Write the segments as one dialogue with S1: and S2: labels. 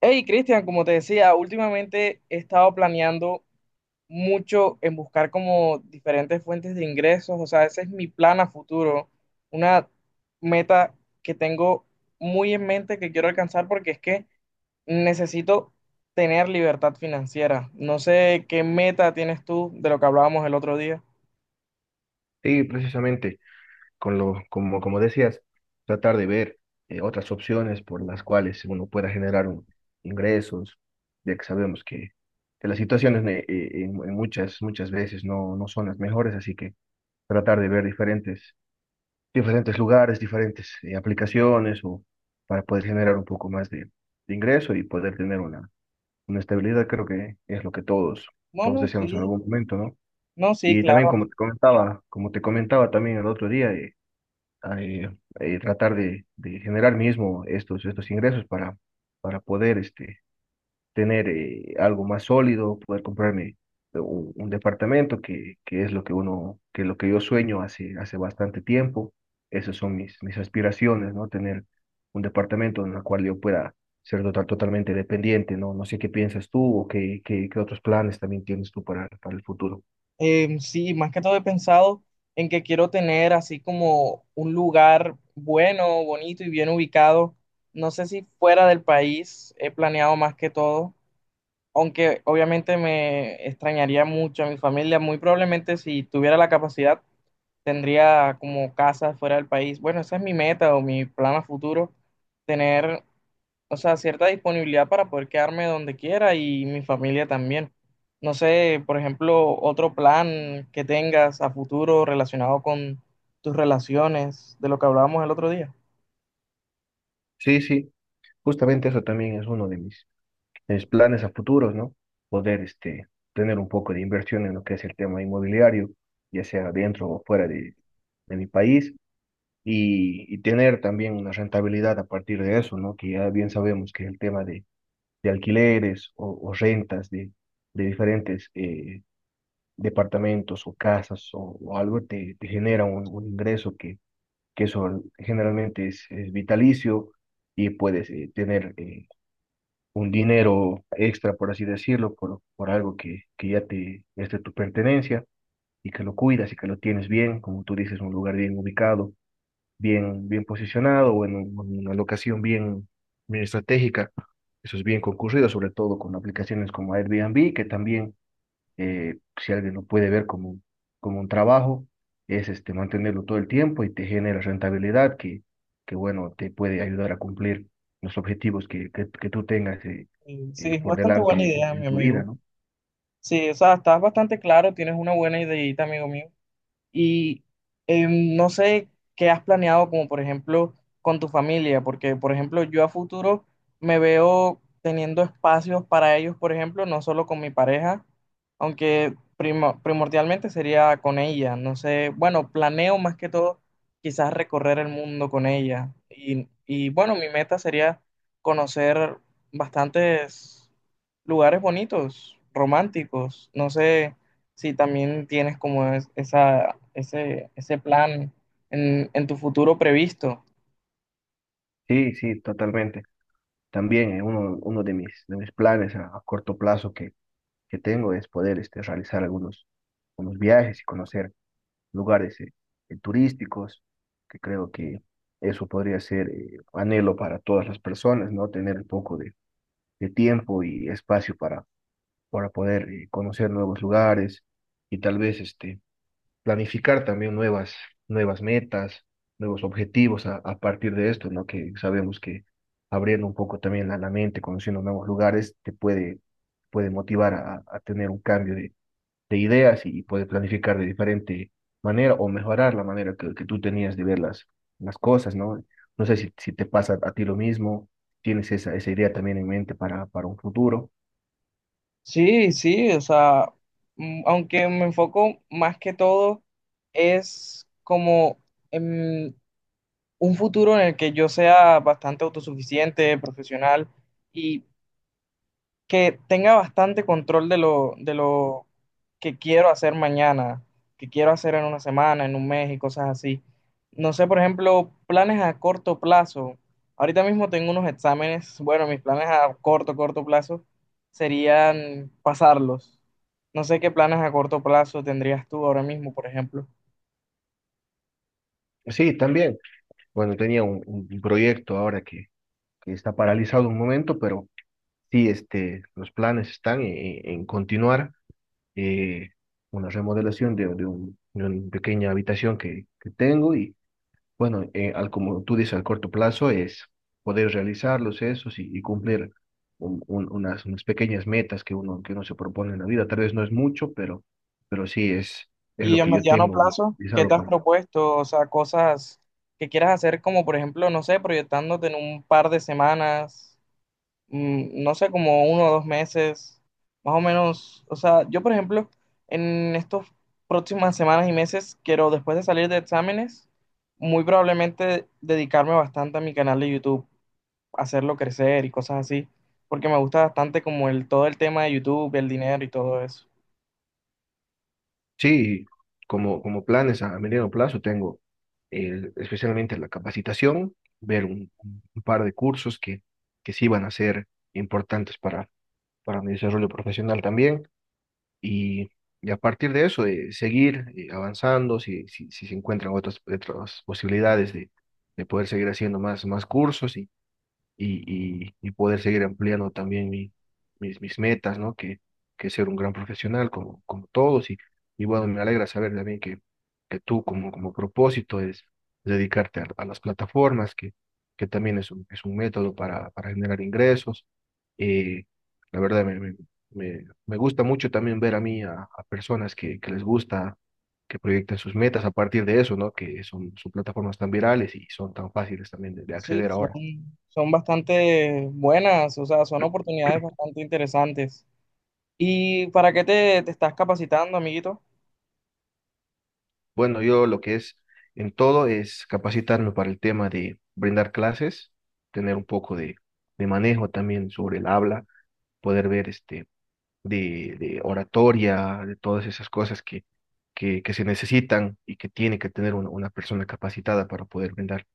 S1: Hey, Cristian, como te decía, últimamente he estado planeando mucho en buscar como diferentes fuentes de ingresos, o sea, ese es mi plan a futuro, una meta que tengo muy en mente que quiero alcanzar porque es que necesito tener libertad financiera. No sé qué meta tienes tú de lo que hablábamos el otro día.
S2: Sí, precisamente, con lo, como, como decías, tratar de ver otras opciones por las cuales uno pueda generar ingresos, ya que sabemos que las situaciones en muchas, muchas veces no, no son las mejores, así que tratar de ver diferentes lugares, diferentes aplicaciones o para poder generar un poco más de ingreso y poder tener una estabilidad, creo que es lo que
S1: No,
S2: todos
S1: no,
S2: deseamos en
S1: sí,
S2: algún momento, ¿no?
S1: no, sí,
S2: Y también
S1: claro.
S2: como te comentaba también el otro día, a, eh, tratar de generar mismo estos ingresos para poder tener algo más sólido, poder comprarme un departamento que es lo que que lo que yo sueño hace bastante tiempo. Esas son mis aspiraciones, ¿no? Tener un departamento en el cual yo pueda ser totalmente dependiente, ¿no? No sé qué piensas tú o qué otros planes también tienes tú para el futuro.
S1: Sí, más que todo he pensado en que quiero tener así como un lugar bueno, bonito y bien ubicado. No sé si fuera del país he planeado más que todo, aunque obviamente me extrañaría mucho a mi familia. Muy probablemente si tuviera la capacidad tendría como casa fuera del país. Bueno, esa es mi meta o mi plan a futuro, tener, o sea, cierta disponibilidad para poder quedarme donde quiera y mi familia también. No sé, por ejemplo, otro plan que tengas a futuro relacionado con tus relaciones, de lo que hablábamos el otro día.
S2: Sí, sí, justamente eso también es uno de mis mis planes a futuros, ¿no? Poder tener un poco de inversión en lo que es el tema inmobiliario, ya sea dentro o fuera de mi país, y tener también una rentabilidad a partir de eso, ¿no? Que ya bien sabemos que el tema de alquileres o rentas de diferentes departamentos o casas o algo te genera un ingreso que eso generalmente es vitalicio y puedes tener un dinero extra, por así decirlo, por algo que ya te es de tu pertenencia y que lo cuidas y que lo tienes bien, como tú dices, un lugar bien ubicado, bien posicionado o en una locación bien estratégica. Eso es bien concurrido, sobre todo con aplicaciones como Airbnb, que también si alguien lo puede ver como, como un trabajo, es mantenerlo todo el tiempo y te genera rentabilidad que bueno, te puede ayudar a cumplir los objetivos que tú tengas
S1: Y sí, es
S2: por
S1: bastante
S2: delante
S1: buena idea,
S2: en
S1: mi
S2: tu vida,
S1: amigo.
S2: ¿no?
S1: Sí, o sea, estás bastante claro, tienes una buena ideita, amigo mío. Y no sé qué has planeado, como por ejemplo con tu familia, porque por ejemplo yo a futuro me veo teniendo espacios para ellos, por ejemplo, no solo con mi pareja, aunque primordialmente sería con ella. No sé, bueno, planeo más que todo quizás recorrer el mundo con ella. Y bueno, mi meta sería conocer bastantes lugares bonitos, románticos. No sé si también tienes como ese plan en tu futuro previsto.
S2: Sí, sí, totalmente. También uno de de mis planes a corto plazo que tengo es poder realizar algunos viajes y conocer lugares turísticos, que creo que eso podría ser anhelo para todas las personas, ¿no? Tener un poco de tiempo y espacio para poder conocer nuevos lugares y tal vez planificar también nuevas metas, nuevos objetivos a partir de esto, ¿no? Que sabemos que abriendo un poco también la mente, conociendo nuevos lugares, te puede motivar a tener un cambio de ideas y puedes planificar de diferente manera o mejorar la manera que tú tenías de ver las cosas, ¿no? No sé si, si te pasa a ti lo mismo, tienes esa idea también en mente para un futuro.
S1: Sí, sí, o sea, aunque me enfoco más que todo, es como en un futuro en el que yo sea bastante autosuficiente, profesional y que tenga bastante control de de lo que quiero hacer mañana, que quiero hacer en una semana, en un mes y cosas así. No sé, por ejemplo, planes a corto plazo. Ahorita mismo tengo unos exámenes. Bueno, mis planes a corto plazo serían pasarlos. No sé qué planes a corto plazo tendrías tú ahora mismo, por ejemplo.
S2: Sí, también. Bueno, tenía un proyecto ahora que está paralizado un momento, pero sí, los planes están en continuar eh, una remodelación de una pequeña habitación que tengo y bueno, al, como tú dices, al corto plazo es poder realizar los esos y cumplir unas pequeñas metas que que uno se propone en la vida. Tal vez no es mucho, pero sí es
S1: Y
S2: lo
S1: a
S2: que yo
S1: mediano
S2: tengo
S1: plazo, ¿qué
S2: realizado
S1: te has
S2: para.
S1: propuesto? O sea, cosas que quieras hacer como, por ejemplo, no sé, proyectándote en un par de semanas. No sé, como uno o dos meses, más o menos. O sea, yo, por ejemplo, en estas próximas semanas y meses, quiero, después de salir de exámenes, muy probablemente dedicarme bastante a mi canal de YouTube, hacerlo crecer y cosas así, porque me gusta bastante como todo el tema de YouTube, el dinero y todo eso.
S2: Sí, como, como planes a mediano plazo tengo especialmente la capacitación, ver un par de cursos que sí van a ser importantes para mi desarrollo profesional también. Y, y a partir de eso, de seguir avanzando, si, si se encuentran otras posibilidades de poder seguir haciendo más cursos y poder seguir ampliando también mis metas, ¿no? Que ser un gran profesional como, como todos. Y bueno, me alegra saber también que tú como, como propósito es dedicarte a las plataformas, que también es es un método para generar ingresos. Eh, la verdad, me gusta mucho también ver a mí a personas que les gusta, que proyecten sus metas a partir de eso, ¿no? Que son, son plataformas tan virales y son tan fáciles también de
S1: Sí,
S2: acceder
S1: son,
S2: ahora.
S1: Son bastante buenas, o sea, son oportunidades bastante interesantes. ¿Y para qué te estás capacitando, amiguito?
S2: Bueno, yo lo que es en todo es capacitarme para el tema de brindar clases, tener un poco de manejo también sobre el habla, poder ver de oratoria, de todas esas cosas que se necesitan y que tiene que tener una persona capacitada para poder brindar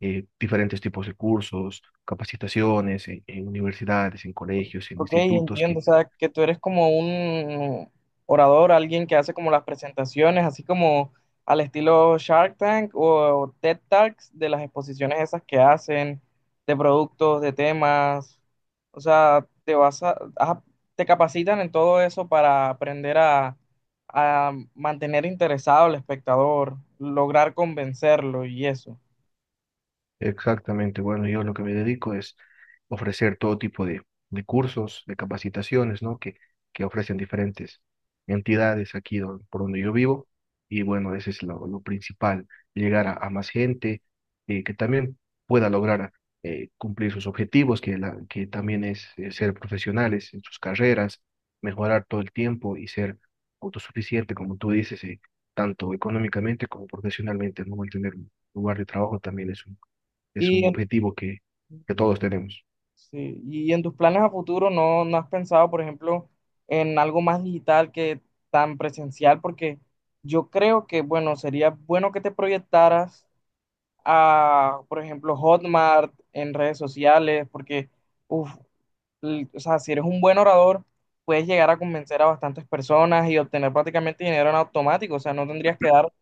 S2: diferentes tipos de cursos, capacitaciones en universidades, en colegios, en
S1: Ok,
S2: institutos
S1: entiendo,
S2: que…
S1: o sea, que tú eres como un orador, alguien que hace como las presentaciones, así como al estilo Shark Tank o TED Talks de las exposiciones esas que hacen de productos, de temas, o sea, te vas a, ah, te capacitan en todo eso para aprender a mantener interesado al espectador, lograr convencerlo y eso.
S2: Exactamente. Bueno, yo lo que me dedico es ofrecer todo tipo de cursos, de capacitaciones, ¿no? Que ofrecen diferentes entidades aquí por donde yo vivo. Y bueno, ese es lo principal, llegar a más gente que también pueda lograr cumplir sus objetivos, que, la, que también es ser profesionales en sus carreras, mejorar todo el tiempo y ser autosuficiente, como tú dices, tanto económicamente como profesionalmente, ¿no? Mantener un lugar de trabajo también es un
S1: Y
S2: objetivo que todos tenemos.
S1: sí, y en tus planes a futuro no has pensado, por ejemplo, en algo más digital que tan presencial, porque yo creo que, bueno, sería bueno que te proyectaras a, por ejemplo, Hotmart en redes sociales, porque, uf, o sea, si eres un buen orador, puedes llegar a convencer a bastantes personas y obtener prácticamente dinero en automático, o sea, no tendrías que dar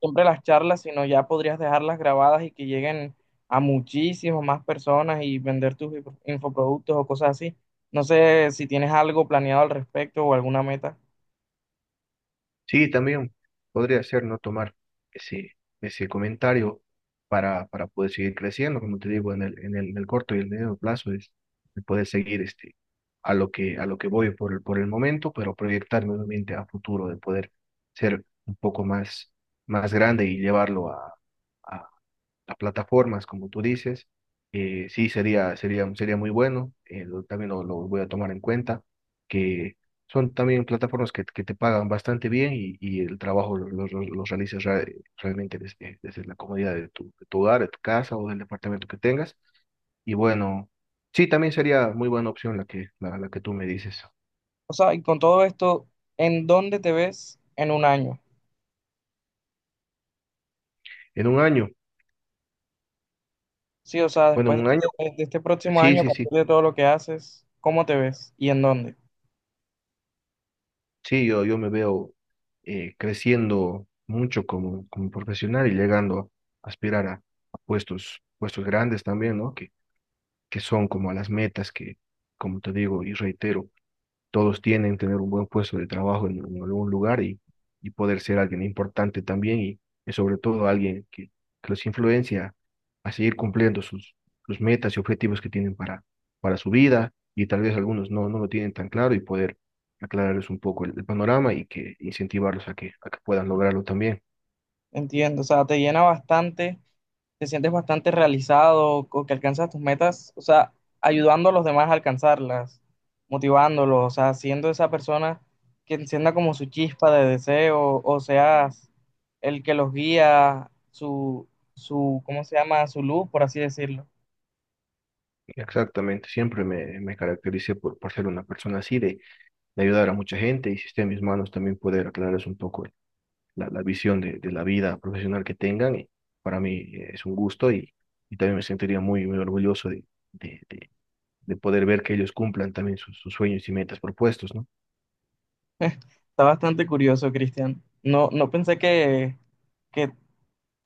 S1: siempre las charlas, sino ya podrías dejarlas grabadas y que lleguen a muchísimas más personas y vender tus infoproductos o cosas así. No sé si tienes algo planeado al respecto o alguna meta.
S2: Sí, también podría ser no tomar ese, ese comentario para poder seguir creciendo, como te digo, en el, en el, en el corto y el medio plazo es poder seguir a lo que voy por el momento, pero proyectarme nuevamente a futuro, de poder ser un poco más grande y llevarlo a, las plataformas, como tú dices. Sí, sería muy bueno. También lo voy a tomar en cuenta, que son también plataformas que te pagan bastante bien y el trabajo lo realizas realmente desde, desde la comodidad de tu hogar, de tu casa o del departamento que tengas. Y bueno, sí, también sería muy buena opción la que, la que tú me dices.
S1: O sea, y con todo esto, ¿en dónde te ves en un año?
S2: En un año,
S1: Sí, o sea,
S2: bueno,
S1: después
S2: en
S1: de
S2: un año,
S1: de este próximo
S2: sí,
S1: año, a
S2: sí,
S1: partir
S2: sí.
S1: de todo lo que haces, ¿cómo te ves y en dónde?
S2: Sí, yo me veo creciendo mucho como, como profesional y llegando a aspirar a puestos grandes también, ¿no? Que son como las metas como te digo y reitero, todos tienen tener un buen puesto de trabajo en algún lugar y poder ser alguien importante también y sobre todo alguien que los influencia a seguir cumpliendo sus metas y objetivos que tienen para su vida y tal vez algunos no, no lo tienen tan claro y poder aclararles un poco el panorama y que incentivarlos a que puedan lograrlo también.
S1: Entiendo, o sea, te llena bastante, te sientes bastante realizado o que alcanzas tus metas, o sea, ayudando a los demás a alcanzarlas, motivándolos, o sea, siendo esa persona que encienda como su chispa de deseo, o seas el que los guía, ¿cómo se llama? Su luz, por así decirlo.
S2: Exactamente, siempre me caractericé por ser una persona así, de ayudar a mucha gente y si está en mis manos también poder aclararles un poco la, la visión de la vida profesional que tengan. Y para mí es un gusto y también me sentiría muy orgulloso de, de- de poder ver que ellos cumplan también sus, sus sueños y metas propuestos, ¿no?
S1: Está bastante curioso, Cristian. No, no pensé que,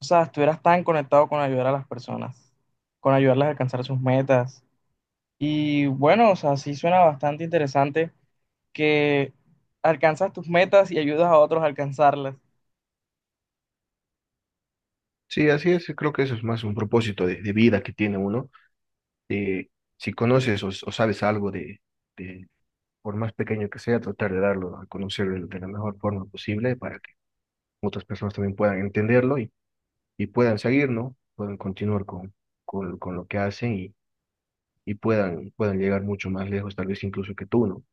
S1: o sea, estuvieras tan conectado con ayudar a las personas, con ayudarlas a alcanzar sus metas. Y bueno, o sea, sí suena bastante interesante que alcanzas tus metas y ayudas a otros a alcanzarlas.
S2: Sí, así es. Creo que eso es más un propósito de vida que tiene uno, de si conoces o sabes algo de, por más pequeño que sea, tratar de darlo a conocer de la mejor forma posible para que otras personas también puedan entenderlo y puedan seguir, ¿no? Puedan continuar con lo que hacen y puedan, puedan llegar mucho más lejos, tal vez incluso que tú, ¿no?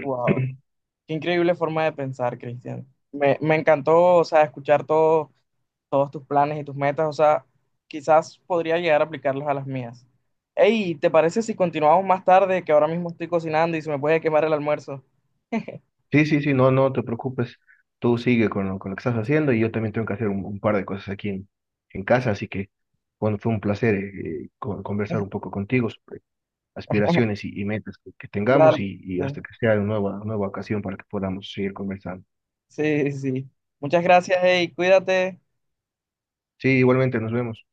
S1: Wow, qué increíble forma de pensar, Cristian. Me encantó, o sea, escuchar todos tus planes y tus metas, o sea, quizás podría llegar a aplicarlos a las mías. Hey, ¿te parece si continuamos más tarde, que ahora mismo estoy cocinando y se me puede quemar el almuerzo?
S2: Sí, sí, sí, no, no te preocupes, tú sigue con lo que estás haciendo y yo también tengo que hacer un par de cosas aquí en casa, así que, bueno, fue un placer conversar un poco contigo sobre aspiraciones y metas que tengamos
S1: Dale.
S2: y hasta que sea una nueva ocasión para que podamos seguir conversando.
S1: Sí, sí, sí. Muchas gracias, hey, cuídate.
S2: Sí, igualmente, nos vemos.